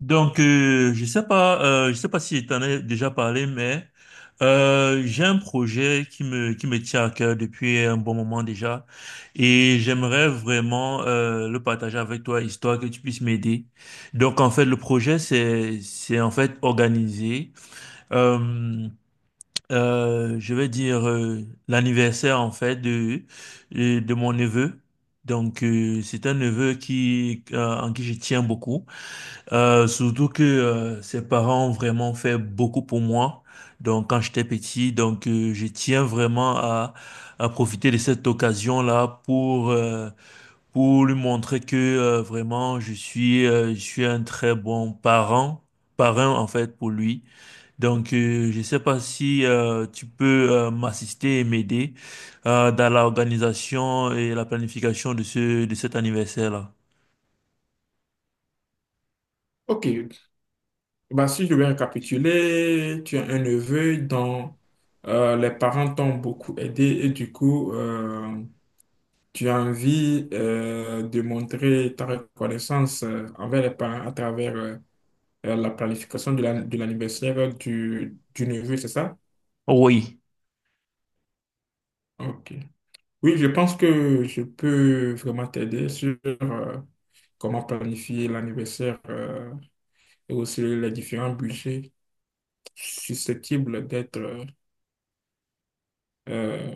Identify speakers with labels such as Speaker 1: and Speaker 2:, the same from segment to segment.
Speaker 1: Je sais pas si je t'en ai déjà parlé, mais j'ai un projet qui me tient à cœur depuis un bon moment déjà, et j'aimerais vraiment le partager avec toi, histoire que tu puisses m'aider. Donc, en fait, le projet c'est en fait organiser, euh, je vais dire l'anniversaire en fait de de mon neveu. Donc, c'est un neveu qui en qui je tiens beaucoup. Surtout que ses parents ont vraiment fait beaucoup pour moi. Donc quand j'étais petit, je tiens vraiment à profiter de cette occasion-là pour lui montrer que vraiment je suis un très parrain en fait pour lui. Je sais pas si tu peux m'assister et m'aider dans l'organisation et la planification de ce de cet anniversaire-là.
Speaker 2: Ok, bah, si je vais récapituler, tu as un neveu dont les parents t'ont beaucoup aidé et du coup, tu as envie de montrer ta reconnaissance envers les parents à travers la planification de de l'anniversaire du neveu, c'est ça?
Speaker 1: Oui.
Speaker 2: Ok. Oui, je pense que je peux vraiment t'aider sur comment planifier l'anniversaire et aussi les différents budgets susceptibles d'être... euh,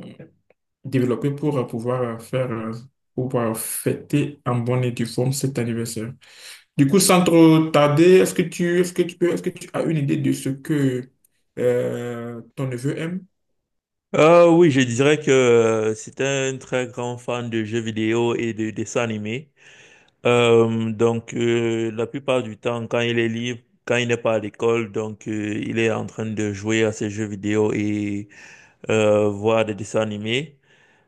Speaker 2: développer pour pouvoir faire, pour pouvoir fêter en bonne et due forme cet anniversaire. Du coup, sans trop tarder, est-ce que tu as une idée de ce que ton neveu aime?
Speaker 1: Oui, je dirais que c'est un très grand fan de jeux vidéo et de dessins animés. La plupart du temps, quand il est libre, quand il n'est pas à l'école, il est en train de jouer à ses jeux vidéo et voir des dessins animés.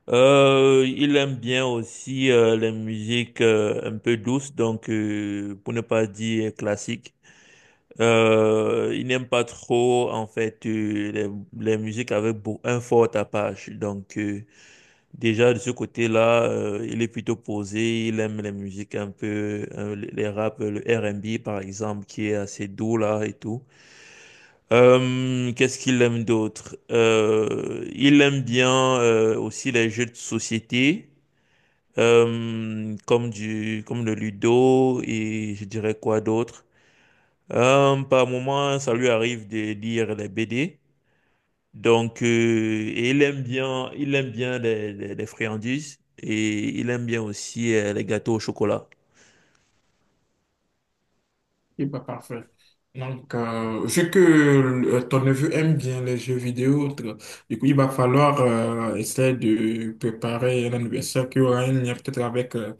Speaker 1: Il aime bien aussi les musiques un peu douces, pour ne pas dire classiques. Il n'aime pas trop en fait les, un fort tapage. Déjà, de ce côté-là, il est plutôt posé, il aime les musiques un peu, les rap, le R&B par exemple, qui est assez doux là et tout. Qu'est-ce qu'il aime d'autre? Il aime bien aussi les jeux de société, comme comme le Ludo et je dirais quoi d'autre. Par moment, ça lui arrive de lire les BD. Donc, euh, et il aime bien les, les friandises et il aime bien aussi les gâteaux au chocolat.
Speaker 2: Et pas parfait. Donc, vu que ton neveu aime bien les jeux vidéo, autres, du coup, il va falloir essayer de préparer un anniversaire qui aura un lien peut-être avec euh,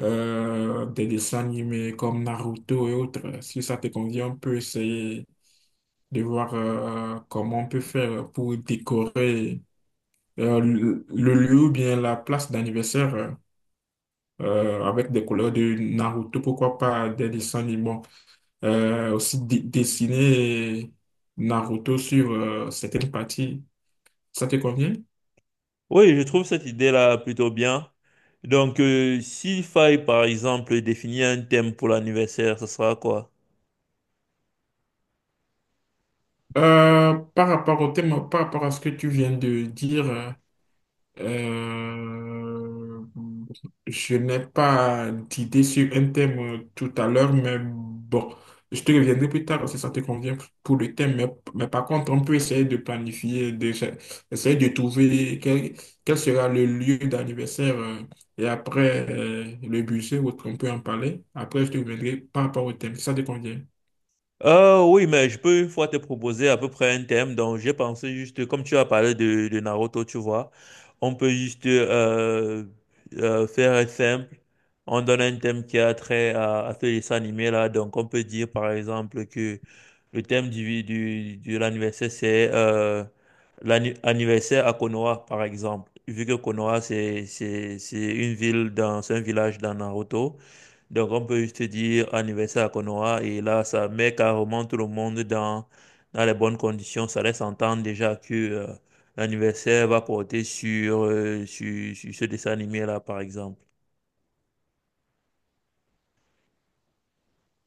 Speaker 2: euh, des dessins animés comme Naruto et autres. Si ça te convient, on peut essayer de voir comment on peut faire pour décorer le lieu ou bien la place d'anniversaire avec des couleurs de Naruto, pourquoi pas des dessins animés. Bon, aussi dessiner Naruto sur certaines parties. Ça te convient?
Speaker 1: Oui, je trouve cette idée-là plutôt bien. S'il faille, par exemple, définir un thème pour l'anniversaire, ce sera quoi?
Speaker 2: Par rapport au thème, par rapport à ce que tu viens de dire, euh, je n'ai pas d'idée sur un thème tout à l'heure, mais bon, je te reviendrai plus tard si ça te convient pour le thème. Mais par contre, on peut essayer de essayer de quel sera le lieu d'anniversaire et après le budget, ou autre, on peut en parler. Après, je te reviendrai par rapport au thème, si ça te convient.
Speaker 1: Oui, mais je peux une fois te proposer à peu près un thème. Donc, j'ai pensé juste, comme tu as parlé de Naruto, tu vois, on peut juste faire simple. On donne un thème qui a trait à ce dessin animé là. Donc, on peut dire par exemple que le thème de l'anniversaire, c'est l'anniversaire à Konoha, par exemple. Vu que Konoha, c'est une ville dans, c'est un village dans Naruto. Donc, on peut juste dire anniversaire à Konoha et là, ça met carrément tout le monde dans, dans les bonnes conditions. Ça laisse entendre déjà que l'anniversaire va porter sur ce dessin animé-là, par exemple.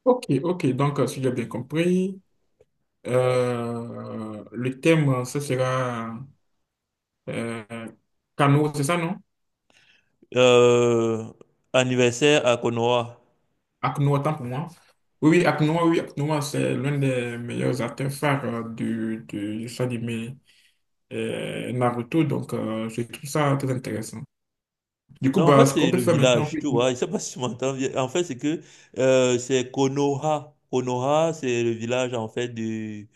Speaker 2: Ok, ok, donc si j'ai bien compris. Le thème, ce sera euh, Cano, c'est ça, non?
Speaker 1: Euh, Anniversaire à Konoha.
Speaker 2: Akno autant pour moi. Oui, oui, Akinoa, oui, Akno c'est l'un des meilleurs acteurs phares du show animé Naruto, donc je trouve ça très intéressant. Du coup,
Speaker 1: Non, en fait,
Speaker 2: bah, ce qu'on
Speaker 1: c'est
Speaker 2: peut
Speaker 1: le
Speaker 2: faire maintenant.
Speaker 1: village,
Speaker 2: Oui.
Speaker 1: tu vois. Je sais pas si tu m'entends bien. En fait, c'est que c'est Konoha. Konoha, c'est le village, en fait, du,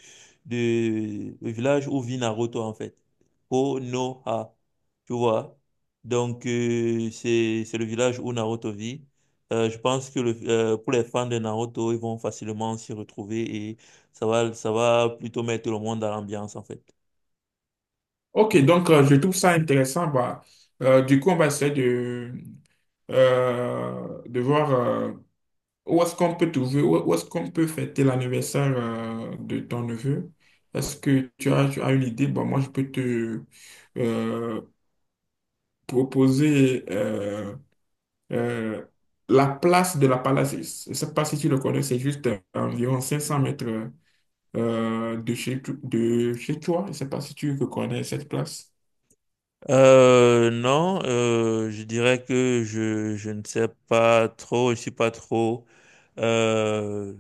Speaker 1: du le village où vit Naruto, en fait. Konoha, tu vois. Donc, c'est le village où Naruto vit. Je pense que pour les fans de Naruto, ils vont facilement s'y retrouver et ça va plutôt mettre le monde dans l'ambiance, en fait.
Speaker 2: Ok, donc je trouve ça intéressant. Bah, du coup, on va essayer de voir. Où est-ce qu'on peut trouver, où est-ce qu'on peut fêter l'anniversaire de ton neveu? Est-ce que tu as une idée? Bon, moi, je peux te euh, proposer euh, la place de la Palace. Je ne sais pas si tu le connais, c'est juste à environ 500 mètres euh, de chez, de chez toi. Je ne sais pas si tu connais cette place.
Speaker 1: Non, je dirais que je ne sais pas trop, je suis pas trop, euh,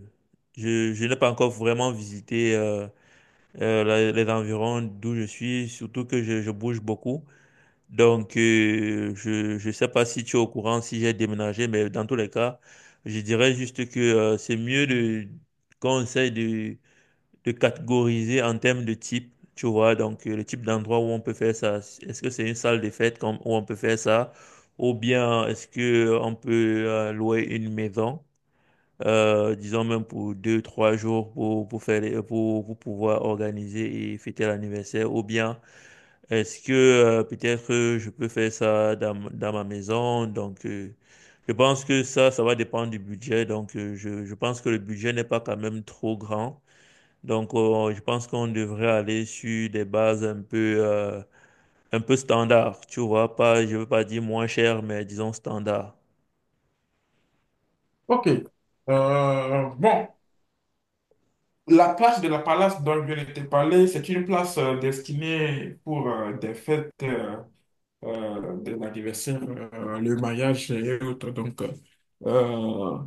Speaker 1: je n'ai pas encore vraiment visité les environs d'où je suis, surtout que je bouge beaucoup. Donc, je sais pas si tu es au courant, si j'ai déménagé, mais dans tous les cas, je dirais juste que c'est mieux de conseil de catégoriser en termes de type, tu vois, le type d'endroit où on peut faire ça. Est-ce que c'est une salle des fêtes où on peut faire ça? Ou bien est-ce que on peut louer une maison, disons même pour deux, trois jours pour faire, pour pouvoir organiser et fêter l'anniversaire? Ou bien est-ce que peut-être je peux faire ça dans, dans ma maison? Donc, je pense que ça va dépendre du budget. Donc, je pense que le budget n'est pas quand même trop grand donc, je pense qu'on devrait aller sur des bases un peu standard, tu vois, pas, je veux pas dire moins cher, mais disons standard.
Speaker 2: Ok. Bon, la place de la Palace dont je viens de te parler, c'est une place destinée pour des fêtes des anniversaires, le mariage et autres. Donc, euh,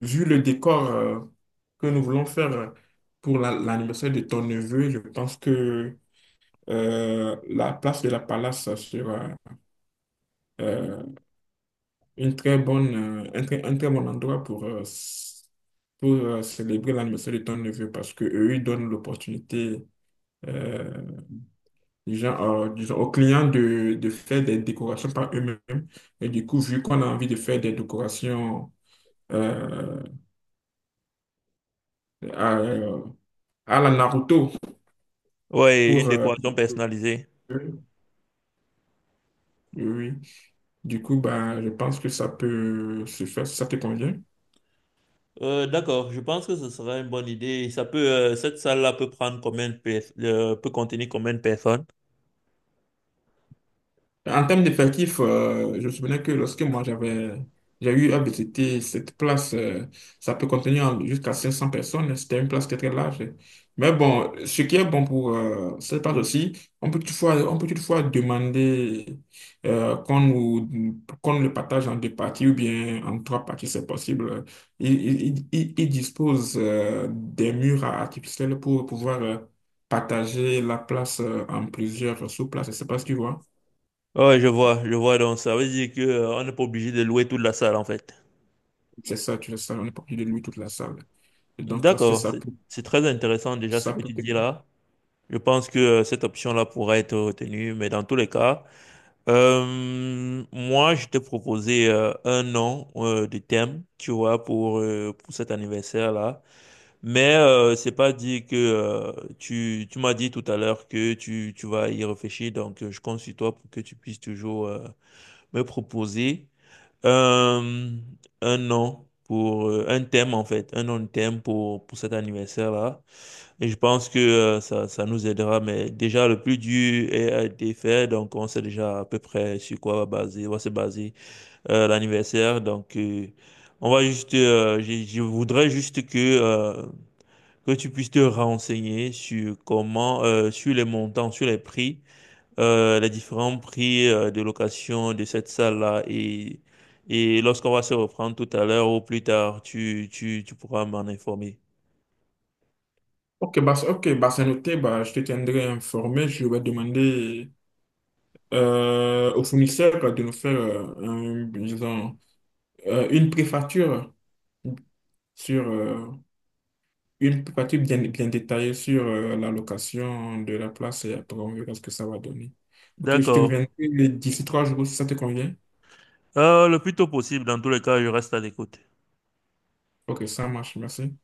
Speaker 2: vu le décor que nous voulons faire pour l'anniversaire de ton neveu, je pense que la place de la Palace sera euh, euh, un très bon endroit pour, pour célébrer l'anniversaire de ton neveu parce que eux, ils donnent l'opportunité euh, disons, disons aux clients de faire des décorations par eux-mêmes. Et du coup, vu qu'on a envie de faire des décorations euh, à, à la Naruto
Speaker 1: Ouais, une
Speaker 2: pour...
Speaker 1: décoration personnalisée.
Speaker 2: oui, oui. Du coup, bah, je pense que ça peut se faire, si ça te convient.
Speaker 1: D'accord, je pense que ce sera une bonne idée. Cette salle-là peut prendre peut contenir combien de personnes?
Speaker 2: En termes d'effectifs, je me souviens que lorsque moi j'avais, j'ai eu à visiter cette place, ça peut contenir jusqu'à 500 personnes. C'était une place très très large. Mais bon, ce qui est bon pour cette place aussi, on peut toutefois demander qu'on le partage en deux parties ou bien en trois parties, c'est possible. Ils il dispose des murs artificiels pour pouvoir partager la place en plusieurs sous-places. Je sais pas si tu vois.
Speaker 1: Ouais, je vois, je vois. Donc, ça veut dire que, on n'est pas obligé de louer toute la salle, en fait.
Speaker 2: C'est ça, tu laisses ça, on est parti de lui toute la salle. Et donc, c'est
Speaker 1: D'accord,
Speaker 2: ça pour,
Speaker 1: c'est très intéressant déjà ce
Speaker 2: ça
Speaker 1: que tu
Speaker 2: pour... te-
Speaker 1: dis là. Je pense que cette option-là pourra être retenue, mais dans tous les cas. Moi, je t'ai proposé un nom de thème, tu vois, pour cet anniversaire-là. Mais c'est pas dit que tu m'as dit tout à l'heure que tu vas y réfléchir. Donc, je compte sur toi pour que tu puisses toujours me proposer euh, un nom pour un thème en fait, un nom de thème pour cet anniversaire-là. Et je pense que ça, ça nous aidera, mais déjà le plus dur a été fait, donc on sait déjà à peu près sur quoi va se baser l'anniversaire. On va juste, je voudrais juste que tu puisses te renseigner sur comment, sur les montants, sur les prix, les différents prix de location de cette salle-là et lorsqu'on va se reprendre tout à l'heure ou plus tard, tu pourras m'en informer.
Speaker 2: Ok, ok, bah, c'est noté, bah, je te tiendrai informé. Je vais demander au fournisseur de nous faire disons, euh, une préfacture sur euh, une préfacture bien, bien détaillée sur la location de la place et après on verra ce que ça va donner. Ok, je te
Speaker 1: D'accord.
Speaker 2: reviendrai d'ici 3 jours si ça te convient.
Speaker 1: Le plus tôt possible, dans tous les cas, je reste à l'écoute.
Speaker 2: Ok, ça marche, merci.